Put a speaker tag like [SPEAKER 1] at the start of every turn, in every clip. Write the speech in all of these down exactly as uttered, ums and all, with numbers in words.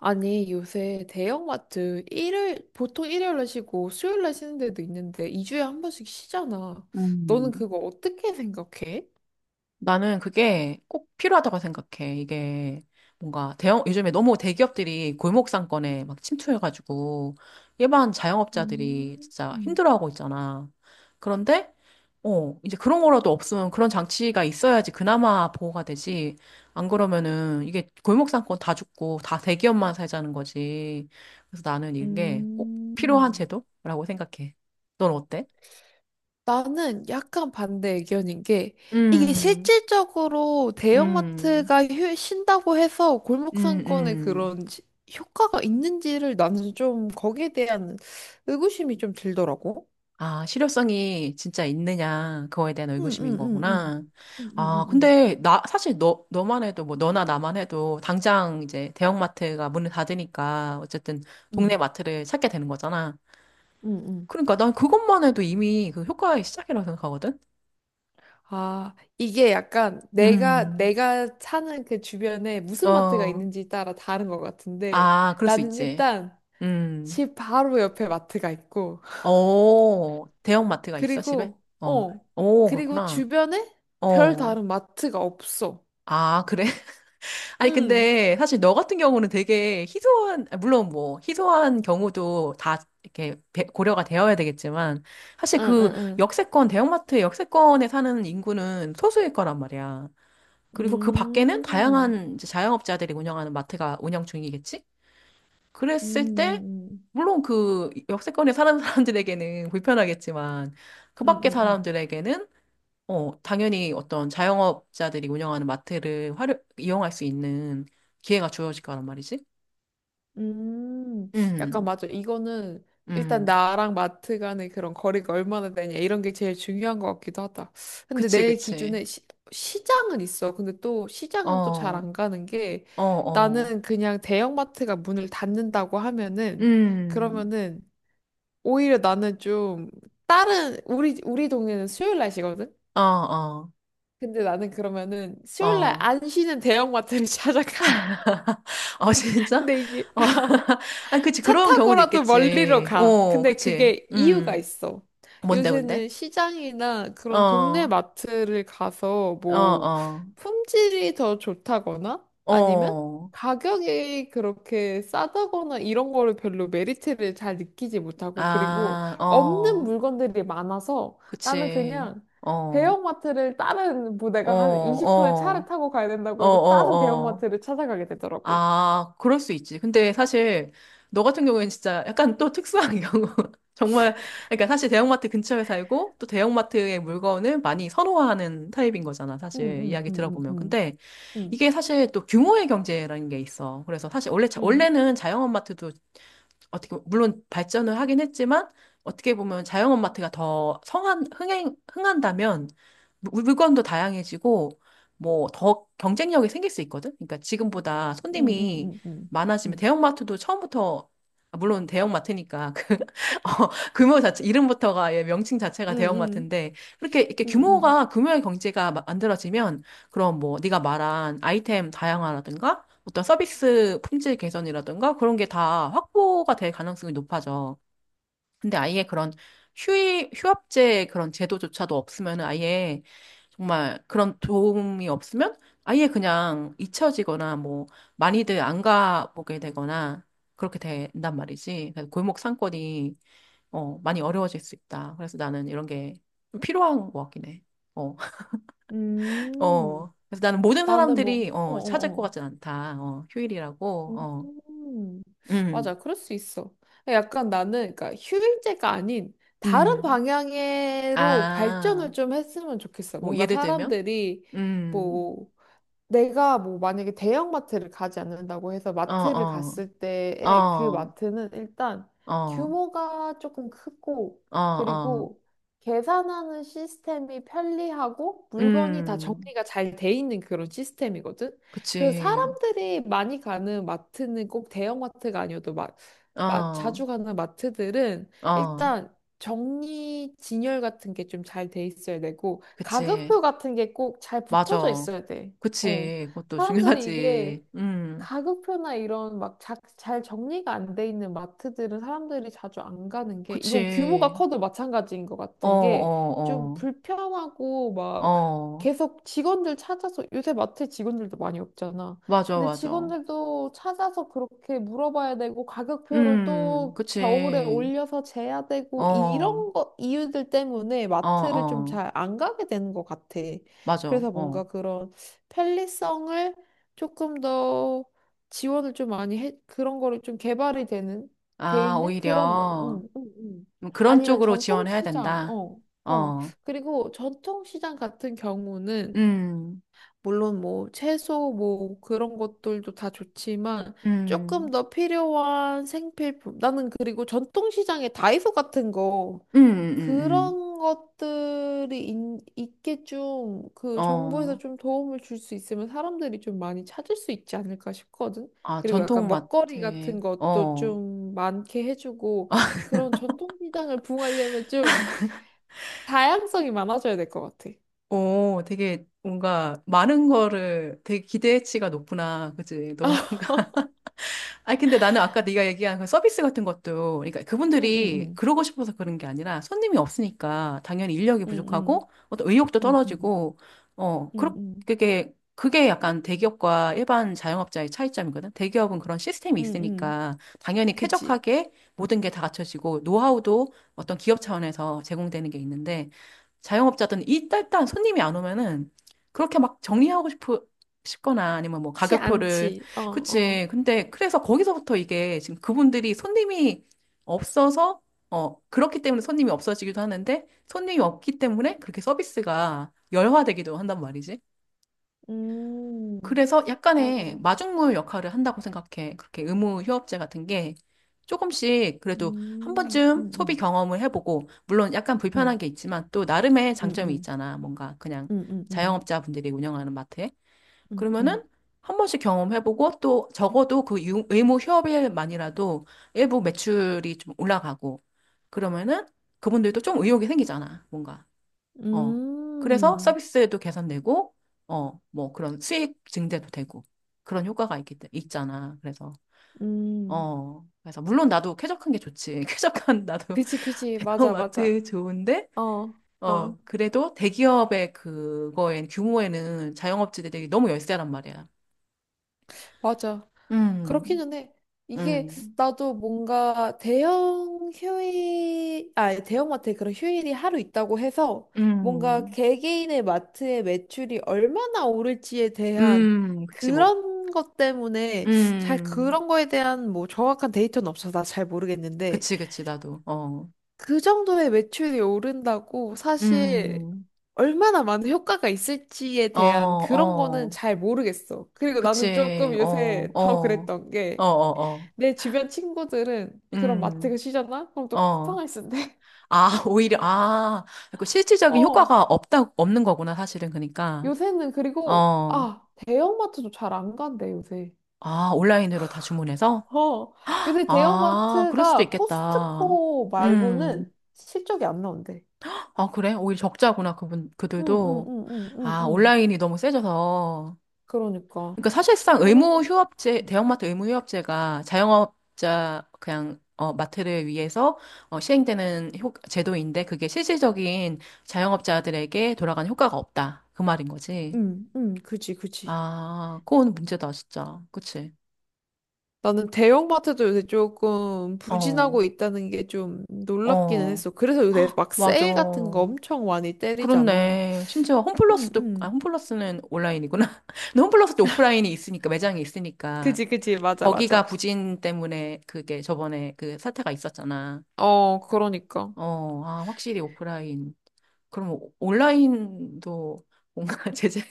[SPEAKER 1] 아니, 요새 대형마트 일요일, 보통 일요일날 쉬고 수요일날 쉬는 데도 있는데 이 주에 한 번씩 쉬잖아. 너는
[SPEAKER 2] 음,
[SPEAKER 1] 그거 어떻게 생각해?
[SPEAKER 2] 나는 그게 꼭 필요하다고 생각해. 이게 뭔가 대형, 요즘에 너무 대기업들이 골목 상권에 막 침투해가지고 일반 자영업자들이
[SPEAKER 1] 음.
[SPEAKER 2] 진짜
[SPEAKER 1] 음.
[SPEAKER 2] 힘들어하고 있잖아. 그런데, 어, 이제 그런 거라도 없으면 그런 장치가 있어야지 그나마 보호가 되지. 안 그러면은 이게 골목 상권 다 죽고 다 대기업만 살자는 거지. 그래서 나는 이게 꼭 필요한
[SPEAKER 1] 음,
[SPEAKER 2] 제도라고 생각해. 넌 어때?
[SPEAKER 1] 나는 약간 반대 의견인 게 이게
[SPEAKER 2] 음,
[SPEAKER 1] 실질적으로
[SPEAKER 2] 음,
[SPEAKER 1] 대형마트가 휴, 쉰다고 해서 골목
[SPEAKER 2] 음,
[SPEAKER 1] 상권에
[SPEAKER 2] 음.
[SPEAKER 1] 그런 지- 효과가 있는지를 나는 좀 거기에 대한 의구심이 좀 들더라고.
[SPEAKER 2] 아, 실효성이 진짜 있느냐, 그거에 대한
[SPEAKER 1] 응, 응,
[SPEAKER 2] 의구심인
[SPEAKER 1] 응, 응.
[SPEAKER 2] 거구나.
[SPEAKER 1] 응, 응, 응,
[SPEAKER 2] 아,
[SPEAKER 1] 응.
[SPEAKER 2] 근데 나, 사실 너, 너만 해도, 뭐, 너나 나만 해도, 당장 이제 대형마트가 문을 닫으니까, 어쨌든 동네
[SPEAKER 1] 응,
[SPEAKER 2] 마트를 찾게 되는 거잖아.
[SPEAKER 1] 응, 응.
[SPEAKER 2] 그러니까 난 그것만 해도 이미 그 효과의 시작이라고 생각하거든?
[SPEAKER 1] 아, 이게 약간 내가,
[SPEAKER 2] 음,
[SPEAKER 1] 내가 사는 그 주변에 무슨 마트가
[SPEAKER 2] 어,
[SPEAKER 1] 있는지 따라 다른 것 같은데
[SPEAKER 2] 아, 그럴 수
[SPEAKER 1] 나는
[SPEAKER 2] 있지.
[SPEAKER 1] 일단
[SPEAKER 2] 음,
[SPEAKER 1] 집 바로 옆에 마트가 있고
[SPEAKER 2] 어, 대형마트가 있어, 집에?
[SPEAKER 1] 그리고,
[SPEAKER 2] 어,
[SPEAKER 1] 어,
[SPEAKER 2] 오,
[SPEAKER 1] 그리고
[SPEAKER 2] 그렇구나.
[SPEAKER 1] 주변에 별
[SPEAKER 2] 어,
[SPEAKER 1] 다른 마트가 없어.
[SPEAKER 2] 아, 그래? 아니,
[SPEAKER 1] 응,
[SPEAKER 2] 근데 사실 너 같은 경우는 되게 희소한, 아, 물론 뭐, 희소한 경우도 다 이렇게 배- 고려가 되어야 되겠지만, 사실
[SPEAKER 1] 응,
[SPEAKER 2] 그
[SPEAKER 1] 응,
[SPEAKER 2] 역세권, 대형마트 역세권에 사는 인구는 소수일 거란 말이야.
[SPEAKER 1] 응.
[SPEAKER 2] 그리고 그 밖에는
[SPEAKER 1] 음, 음,
[SPEAKER 2] 다양한 이제 자영업자들이 운영하는 마트가 운영 중이겠지? 그랬을 때,
[SPEAKER 1] 음,
[SPEAKER 2] 물론 그 역세권에 사는 사람들에게는 불편하겠지만, 그
[SPEAKER 1] 음, 음,
[SPEAKER 2] 밖에
[SPEAKER 1] 음. 음, 음.
[SPEAKER 2] 사람들에게는 어, 당연히 어떤 자영업자들이 운영하는 마트를 활용, 이용할 수 있는 기회가 주어질 거란 말이지.
[SPEAKER 1] 음, 약간
[SPEAKER 2] 음,
[SPEAKER 1] 맞아. 이거는 일단
[SPEAKER 2] 음,
[SPEAKER 1] 나랑 마트 간의 그런 거리가 얼마나 되냐 이런 게 제일 중요한 것 같기도 하다. 근데
[SPEAKER 2] 그치,
[SPEAKER 1] 내
[SPEAKER 2] 그치.
[SPEAKER 1] 기준에 시, 시장은 있어. 근데 또
[SPEAKER 2] 어,
[SPEAKER 1] 시장은 또 잘 안
[SPEAKER 2] 어,
[SPEAKER 1] 가는 게
[SPEAKER 2] 어,
[SPEAKER 1] 나는 그냥 대형마트가 문을 닫는다고 하면은
[SPEAKER 2] 음,
[SPEAKER 1] 그러면은 오히려 나는 좀 다른 우리 우리 동네는 수요일 날이거든.
[SPEAKER 2] 어, 어,
[SPEAKER 1] 근데 나는 그러면은 수요일 날
[SPEAKER 2] 어.
[SPEAKER 1] 안 쉬는 대형마트를 찾아가.
[SPEAKER 2] 어, 진짜?
[SPEAKER 1] 근데 이게
[SPEAKER 2] 어, 아, 그치,
[SPEAKER 1] 차
[SPEAKER 2] 그런 경우도
[SPEAKER 1] 타고라도 멀리로
[SPEAKER 2] 있겠지.
[SPEAKER 1] 가.
[SPEAKER 2] 어,
[SPEAKER 1] 근데
[SPEAKER 2] 그치.
[SPEAKER 1] 그게 이유가
[SPEAKER 2] 음,
[SPEAKER 1] 있어.
[SPEAKER 2] 뭔데, 뭔데?
[SPEAKER 1] 요새는 시장이나
[SPEAKER 2] 어,
[SPEAKER 1] 그런 동네
[SPEAKER 2] 어,
[SPEAKER 1] 마트를 가서 뭐
[SPEAKER 2] 어,
[SPEAKER 1] 품질이 더 좋다거나 아니면
[SPEAKER 2] 어,
[SPEAKER 1] 가격이 그렇게 싸다거나 이런 거를 별로 메리트를 잘 느끼지 못하고 그리고
[SPEAKER 2] 아,
[SPEAKER 1] 없는
[SPEAKER 2] 어,
[SPEAKER 1] 물건들이 많아서 나는
[SPEAKER 2] 그치.
[SPEAKER 1] 그냥
[SPEAKER 2] 어,
[SPEAKER 1] 대형마트를 다른 뭐
[SPEAKER 2] 어,
[SPEAKER 1] 내가 한 이십 분을 차를
[SPEAKER 2] 어.
[SPEAKER 1] 타고 가야
[SPEAKER 2] 어,
[SPEAKER 1] 된다고 해도 다른
[SPEAKER 2] 어, 어.
[SPEAKER 1] 대형마트를 찾아가게 되더라고.
[SPEAKER 2] 아, 그럴 수 있지. 근데 사실 너 같은 경우에는 진짜 약간 또 특수한 경우. 정말, 그러니까 사실 대형마트 근처에 살고 또 대형마트의 물건을 많이 선호하는 타입인 거잖아,
[SPEAKER 1] 응,
[SPEAKER 2] 사실.
[SPEAKER 1] 응,
[SPEAKER 2] 이야기
[SPEAKER 1] 응, 응,
[SPEAKER 2] 들어보면.
[SPEAKER 1] 응.
[SPEAKER 2] 근데
[SPEAKER 1] 응.
[SPEAKER 2] 이게 사실 또 규모의 경제라는 게 있어. 그래서 사실 원래, 자-
[SPEAKER 1] 응.
[SPEAKER 2] 원래는 자영업 마트도 어떻게 보면, 물론 발전을 하긴 했지만 어떻게 보면 자영업 마트가 더 성한 흥행 흥한다면 물- 물건도 다양해지고 뭐 더 경쟁력이 생길 수 있거든. 그러니까 지금보다
[SPEAKER 1] 음,
[SPEAKER 2] 손님이
[SPEAKER 1] 음, 음,
[SPEAKER 2] 많아지면
[SPEAKER 1] 음,
[SPEAKER 2] 대형 마트도 처음부터, 아, 물론 대형 마트니까 그 어, 규모 자체 이름부터가, 예, 명칭
[SPEAKER 1] 음,
[SPEAKER 2] 자체가 대형
[SPEAKER 1] 음,
[SPEAKER 2] 마트인데 그렇게 이렇게
[SPEAKER 1] 음, 음,
[SPEAKER 2] 규모가 규모의 경제가 마- 만들어지면 그럼 뭐 네가 말한 아이템 다양화라든가 어떤 서비스 품질 개선이라든가 그런 게 다 확보가 될 가능성이 높아져. 근데 아예 그런 휴이, 휴업제 그런 제도조차도 없으면, 아예 정말 그런 도움이 없으면 아예 그냥 잊혀지거나 뭐 많이들 안 가보게 되거나 그렇게 된단 말이지. 그래서 골목 상권이 어, 많이 어려워질 수 있다. 그래서 나는 이런 게좀 필요한 것 같긴 해. 어,
[SPEAKER 1] 음. 음.
[SPEAKER 2] 어. 그래서 나는 모든
[SPEAKER 1] 나는 뭐,
[SPEAKER 2] 사람들이
[SPEAKER 1] 어,
[SPEAKER 2] 어, 찾을
[SPEAKER 1] 어,
[SPEAKER 2] 것
[SPEAKER 1] 어.
[SPEAKER 2] 같진 않다. 어, 휴일이라고. 어.
[SPEAKER 1] 음, 맞아,
[SPEAKER 2] 음,
[SPEAKER 1] 그럴 수 있어. 약간 나는, 그러니까 휴일제가 아닌 다른
[SPEAKER 2] 음.
[SPEAKER 1] 방향으로
[SPEAKER 2] 아,
[SPEAKER 1] 발전을 좀 했으면 좋겠어.
[SPEAKER 2] 뭐,
[SPEAKER 1] 뭔가
[SPEAKER 2] 예를 들면?
[SPEAKER 1] 사람들이
[SPEAKER 2] 음,
[SPEAKER 1] 뭐 내가 뭐 만약에 대형마트를 가지 않는다고 해서
[SPEAKER 2] 어,
[SPEAKER 1] 마트를
[SPEAKER 2] 어,
[SPEAKER 1] 갔을 때에 그
[SPEAKER 2] 어,
[SPEAKER 1] 마트는 일단
[SPEAKER 2] 어,
[SPEAKER 1] 규모가 조금 크고
[SPEAKER 2] 어, 어.
[SPEAKER 1] 그리고 계산하는 시스템이 편리하고 물건이 다
[SPEAKER 2] 음,
[SPEAKER 1] 정리가 잘 돼 있는 그런 시스템이거든. 그래서
[SPEAKER 2] 그치.
[SPEAKER 1] 사람들이 많이 가는 마트는 꼭 대형마트가 아니어도 막, 막 자주
[SPEAKER 2] 어,
[SPEAKER 1] 가는 마트들은
[SPEAKER 2] 어,
[SPEAKER 1] 일단 정리 진열 같은 게 좀 잘 돼 있어야 되고
[SPEAKER 2] 그치.
[SPEAKER 1] 가격표 같은 게 꼭 잘 붙여져
[SPEAKER 2] 맞아.
[SPEAKER 1] 있어야 돼. 어,
[SPEAKER 2] 그치. 그것도
[SPEAKER 1] 사람들이 이게,
[SPEAKER 2] 중요하지. 음,
[SPEAKER 1] 가격표나 이런 막 자- 잘 정리가 안 돼 있는 마트들은 사람들이 자주 안 가는 게 이건 규모가
[SPEAKER 2] 그치.
[SPEAKER 1] 커도 마찬가지인 것
[SPEAKER 2] 어,
[SPEAKER 1] 같은 게 좀
[SPEAKER 2] 어,
[SPEAKER 1] 불편하고
[SPEAKER 2] 어,
[SPEAKER 1] 막
[SPEAKER 2] 어.
[SPEAKER 1] 계속 직원들 찾아서 요새 마트 직원들도 많이 없잖아.
[SPEAKER 2] 맞아,
[SPEAKER 1] 근데
[SPEAKER 2] 맞아.
[SPEAKER 1] 직원들도 찾아서 그렇게 물어봐야 되고 가격표를
[SPEAKER 2] 음,
[SPEAKER 1] 또 겨울에
[SPEAKER 2] 그치.
[SPEAKER 1] 올려서 재야
[SPEAKER 2] 어,
[SPEAKER 1] 되고
[SPEAKER 2] 어,
[SPEAKER 1] 이런 거 이유들 때문에 마트를 좀
[SPEAKER 2] 어.
[SPEAKER 1] 잘 안 가게 되는 것 같아.
[SPEAKER 2] 맞아.
[SPEAKER 1] 그래서 뭔가
[SPEAKER 2] 어.
[SPEAKER 1] 그런 편리성을 조금 더 지원을 좀 많이 해, 그런 거를 좀 개발이 되는, 돼
[SPEAKER 2] 아,
[SPEAKER 1] 있는 그런, 뭐-
[SPEAKER 2] 오히려.
[SPEAKER 1] 음, 음, 음.
[SPEAKER 2] 뭐 그런
[SPEAKER 1] 아니면
[SPEAKER 2] 쪽으로 지원해야
[SPEAKER 1] 전통시장,
[SPEAKER 2] 된다.
[SPEAKER 1] 어, 어.
[SPEAKER 2] 어,
[SPEAKER 1] 그리고 전통시장 같은 경우는,
[SPEAKER 2] 음,
[SPEAKER 1] 물론 뭐 채소 뭐 그런 것들도 다 좋지만, 조금
[SPEAKER 2] 음,
[SPEAKER 1] 더 필요한 생필품. 나는 그리고 전통시장에 다이소 같은 거,
[SPEAKER 2] 음, 음, 음,
[SPEAKER 1] 그런 것들이 인- 있게 좀
[SPEAKER 2] 음.
[SPEAKER 1] 그 정부에서
[SPEAKER 2] 어,
[SPEAKER 1] 좀 도움을 줄 수 있으면 사람들이 좀 많이 찾을 수 있지 않을까 싶거든.
[SPEAKER 2] 아,
[SPEAKER 1] 그리고 약간 먹거리 같은
[SPEAKER 2] 전통마트에,
[SPEAKER 1] 것도
[SPEAKER 2] 어,
[SPEAKER 1] 좀 많게 해주고 그런 전통 시장을 붕하려면 좀 다양성이 많아져야 될 것 같아.
[SPEAKER 2] 오, 되게 뭔가 많은 거를 되게 기대치가 높구나. 그치? 너무 뭔가, 아니 근데 나는 아까 네가 얘기한 그 서비스 같은 것도, 그러니까
[SPEAKER 1] 응응응
[SPEAKER 2] 그분들이 그러고 싶어서 그런 게 아니라 손님이 없으니까 당연히 인력이
[SPEAKER 1] 응응
[SPEAKER 2] 부족하고 어떤 의욕도
[SPEAKER 1] 응응
[SPEAKER 2] 떨어지고, 어 그렇게,
[SPEAKER 1] 응응
[SPEAKER 2] 그게 그게 약간 대기업과 일반 자영업자의 차이점이거든. 대기업은 그런 시스템이
[SPEAKER 1] 응응
[SPEAKER 2] 있으니까 당연히
[SPEAKER 1] 그치.
[SPEAKER 2] 쾌적하게 모든 게 다 갖춰지고 노하우도 어떤 기업 차원에서 제공되는 게 있는데, 자영업자들은 일단 손님이 안 오면은 그렇게 막 정리하고 싶 싶거나 아니면 뭐
[SPEAKER 1] 치
[SPEAKER 2] 가격표를,
[SPEAKER 1] 않지. 어 어.
[SPEAKER 2] 그치. 근데 그래서 거기서부터 이게 지금 그분들이 손님이 없어서, 어 그렇기 때문에 손님이 없어지기도 하는데 손님이 없기 때문에 그렇게 서비스가 열화되기도 한단 말이지.
[SPEAKER 1] 음
[SPEAKER 2] 그래서
[SPEAKER 1] 맞아.
[SPEAKER 2] 약간의 마중물 역할을 한다고 생각해. 그렇게 의무 휴업제 같은 게 조금씩 그래도 한
[SPEAKER 1] 음
[SPEAKER 2] 번쯤 소비
[SPEAKER 1] 응응
[SPEAKER 2] 경험을 해보고, 물론 약간 불편한 게 있지만 또 나름의 장점이
[SPEAKER 1] 응응
[SPEAKER 2] 있잖아. 뭔가 그냥
[SPEAKER 1] 응응응.
[SPEAKER 2] 자영업자분들이 운영하는 마트에.
[SPEAKER 1] 응응.
[SPEAKER 2] 그러면은
[SPEAKER 1] 음.
[SPEAKER 2] 한 번씩 경험해보고 또 적어도 그 유- 의무 휴업일만이라도 일부 매출이 좀 올라가고, 그러면은 그분들도 좀 의욕이 생기잖아, 뭔가.
[SPEAKER 1] 음.
[SPEAKER 2] 어. 그래서
[SPEAKER 1] 음.
[SPEAKER 2] 서비스도 개선되고, 어, 뭐 그런 수익 증대도 되고 그런 효과가 있기, 때- 있잖아. 그래서,
[SPEAKER 1] 음, 음.
[SPEAKER 2] 어. 그래서 물론 나도 쾌적한 게 좋지. 쾌적한 나도
[SPEAKER 1] 그치 그치. 맞아 맞아.
[SPEAKER 2] 대형마트 좋은데,
[SPEAKER 1] 어. 어.
[SPEAKER 2] 어, 그래도 대기업의 그거엔 규모에는 자영업자들이 너무 열세란 말이야.
[SPEAKER 1] 맞아.
[SPEAKER 2] 음,
[SPEAKER 1] 그렇기는 해. 이게
[SPEAKER 2] 음,
[SPEAKER 1] 나도 뭔가 대형 휴일, 아, 대형마트에 그런 휴일이 하루 있다고 해서 뭔가
[SPEAKER 2] 음,
[SPEAKER 1] 개개인의 마트의 매출이 얼마나 오를지에 대한
[SPEAKER 2] 음, 그치, 뭐,
[SPEAKER 1] 그런 것 때문에 잘
[SPEAKER 2] 음,
[SPEAKER 1] 그런 거에 대한 뭐 정확한 데이터는 없어서 나 잘 모르겠는데
[SPEAKER 2] 그치, 그치, 나도, 어,
[SPEAKER 1] 그 정도의 매출이 오른다고 사실
[SPEAKER 2] 음,
[SPEAKER 1] 얼마나 많은 효과가 있을지에
[SPEAKER 2] 어,
[SPEAKER 1] 대한 그런 거는
[SPEAKER 2] 어,
[SPEAKER 1] 잘 모르겠어. 그리고 나는 조금
[SPEAKER 2] 그치, 어,
[SPEAKER 1] 요새
[SPEAKER 2] 어,
[SPEAKER 1] 더 그랬던
[SPEAKER 2] 어, 어,
[SPEAKER 1] 게
[SPEAKER 2] 어,
[SPEAKER 1] 내 주변 친구들은 그런 마트가
[SPEAKER 2] 음,
[SPEAKER 1] 쉬잖아? 그럼 또
[SPEAKER 2] 어,
[SPEAKER 1] 쿠팡을 쓴대.
[SPEAKER 2] 아, 오히려, 아, 그 실질적인
[SPEAKER 1] 어,
[SPEAKER 2] 효과가 없다, 없는 거구나, 사실은, 그니까,
[SPEAKER 1] 요새는 그리고
[SPEAKER 2] 어,
[SPEAKER 1] 아, 대형마트도 잘 안 간대, 요새.
[SPEAKER 2] 아, 온라인으로 다 주문해서?
[SPEAKER 1] 어, 요새
[SPEAKER 2] 아, 그럴 수도
[SPEAKER 1] 대형마트가
[SPEAKER 2] 있겠다.
[SPEAKER 1] 코스트코
[SPEAKER 2] 음,
[SPEAKER 1] 말고는 실적이 안 나온대.
[SPEAKER 2] 아, 그래? 오히려 적자구나, 그분,
[SPEAKER 1] 응, 응,
[SPEAKER 2] 그들도.
[SPEAKER 1] 응, 응, 응,
[SPEAKER 2] 아,
[SPEAKER 1] 응.
[SPEAKER 2] 온라인이 너무 세져서.
[SPEAKER 1] 그러니까.
[SPEAKER 2] 그러니까 사실상
[SPEAKER 1] 나는
[SPEAKER 2] 의무
[SPEAKER 1] 그-
[SPEAKER 2] 휴업제, 대형마트 의무 휴업제가 자영업자 그냥, 어, 마트를 위해서, 어, 시행되는 효, 제도인데 그게 실질적인 자영업자들에게 돌아가는 효과가 없다. 그 말인 거지.
[SPEAKER 1] 음, 음, 그지, 그지.
[SPEAKER 2] 아, 그건 문제다, 진짜. 그치?
[SPEAKER 1] 나는 대형마트도 요새 조금
[SPEAKER 2] 어,
[SPEAKER 1] 부진하고 있다는 게 좀 놀랍기는
[SPEAKER 2] 어,
[SPEAKER 1] 했어. 그래서 요새 막
[SPEAKER 2] 맞아.
[SPEAKER 1] 세일 같은 거 엄청 많이 때리잖아.
[SPEAKER 2] 그렇네. 심지어
[SPEAKER 1] 음,
[SPEAKER 2] 홈플러스도, 아,
[SPEAKER 1] 음.
[SPEAKER 2] 홈플러스는 온라인이구나. 근데 홈플러스도 오프라인이 있으니까, 매장이 있으니까.
[SPEAKER 1] 그지, 그지. 맞아,
[SPEAKER 2] 거기가
[SPEAKER 1] 맞아.
[SPEAKER 2] 부진 때문에 그게 저번에 그 사태가 있었잖아.
[SPEAKER 1] 어, 그러니까.
[SPEAKER 2] 어, 아, 확실히 오프라인. 그럼 오- 온라인도 뭔가 제재가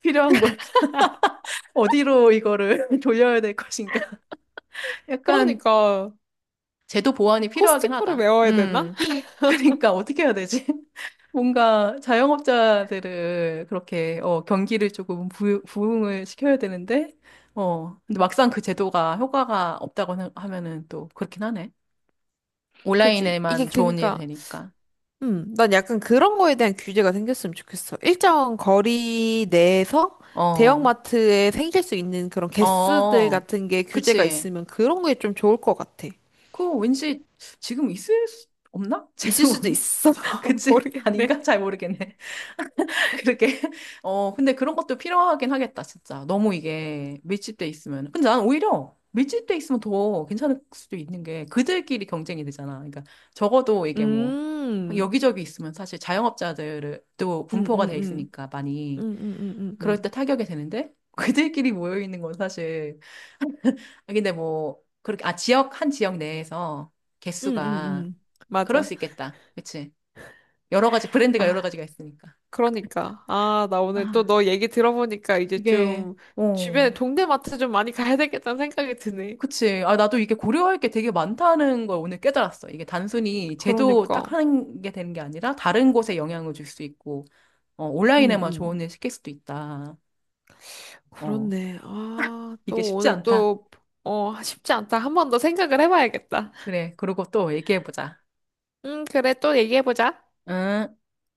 [SPEAKER 2] 필요한 걸까? 어디로 이거를 돌려야 될 것인가? 약간
[SPEAKER 1] 그러니까,
[SPEAKER 2] 제도 보완이 필요하긴
[SPEAKER 1] 코스트코를
[SPEAKER 2] 하다.
[SPEAKER 1] 외워야 되나?
[SPEAKER 2] 음. 그러니까 어떻게 해야 되지? 뭔가 자영업자들을 그렇게, 어, 경기를 조금 부, 부흥을 시켜야 되는데, 어, 근데 막상 그 제도가 효과가 없다고 하- 하면은 또 그렇긴 하네.
[SPEAKER 1] 그지. 이게
[SPEAKER 2] 온라인에만 좋은 일이
[SPEAKER 1] 그니까,
[SPEAKER 2] 되니까.
[SPEAKER 1] 음, 난 약간 그런 거에 대한 규제가 생겼으면 좋겠어. 일정 거리 내에서
[SPEAKER 2] 어.
[SPEAKER 1] 대형마트에 생길 수 있는 그런 개수들
[SPEAKER 2] 어.
[SPEAKER 1] 같은 게 규제가
[SPEAKER 2] 그치.
[SPEAKER 1] 있으면 그런 게 좀 좋을 것 같아.
[SPEAKER 2] 그거 왠지 지금 있을 수 없나?
[SPEAKER 1] 있을
[SPEAKER 2] 지금
[SPEAKER 1] 수도
[SPEAKER 2] 없나?
[SPEAKER 1] 있어.
[SPEAKER 2] 그치?
[SPEAKER 1] 모르겠네.
[SPEAKER 2] 아닌가? 잘 모르겠네. 그렇게. 어, 근데 그런 것도 필요하긴 하겠다, 진짜. 너무 이게 밀집돼 있으면. 근데 난 오히려 밀집돼 있으면 더 괜찮을 수도 있는 게 그들끼리 경쟁이 되잖아. 그러니까 적어도 이게 뭐
[SPEAKER 1] 음,
[SPEAKER 2] 여기저기 있으면 사실 자영업자들도
[SPEAKER 1] 음,
[SPEAKER 2] 분포가 돼
[SPEAKER 1] 음, 음,
[SPEAKER 2] 있으니까 많이
[SPEAKER 1] 음, 음, 음,
[SPEAKER 2] 그럴 때
[SPEAKER 1] 음,
[SPEAKER 2] 타격이 되는데 그들끼리 모여 있는 건 사실. 아, 근데 뭐 그렇게, 아, 지역, 한 지역 내에서
[SPEAKER 1] 음, 음,
[SPEAKER 2] 개수가
[SPEAKER 1] 음.
[SPEAKER 2] 그럴
[SPEAKER 1] 맞아.
[SPEAKER 2] 수 있겠다. 그치? 여러 가지, 브랜드가 여러
[SPEAKER 1] 아,
[SPEAKER 2] 가지가 있으니까.
[SPEAKER 1] 그러니까. 아, 나
[SPEAKER 2] 아,
[SPEAKER 1] 오늘 또 너 얘기 들어보니까 이제
[SPEAKER 2] 이게,
[SPEAKER 1] 좀 주변에
[SPEAKER 2] 어,
[SPEAKER 1] 동네 마트 좀 많이 가야 되겠다는 생각이 드네.
[SPEAKER 2] 그치. 아, 나도 이게 고려할 게 되게 많다는 걸 오늘 깨달았어. 이게 단순히 제도
[SPEAKER 1] 그러니까.
[SPEAKER 2] 딱 하는 게 되는 게 아니라 다른 곳에 영향을 줄 수 있고, 어,
[SPEAKER 1] 음,
[SPEAKER 2] 온라인에만
[SPEAKER 1] 음.
[SPEAKER 2] 조언을 시킬 수도 있다. 어,
[SPEAKER 1] 그렇네. 아,
[SPEAKER 2] 이게
[SPEAKER 1] 또
[SPEAKER 2] 쉽지
[SPEAKER 1] 오늘
[SPEAKER 2] 않다.
[SPEAKER 1] 또, 어, 쉽지 않다. 한 번 더 생각을 해봐야겠다.
[SPEAKER 2] 그래. 그리고 또 얘기해보자.
[SPEAKER 1] 음, 그래. 또 얘기해보자.
[SPEAKER 2] 응.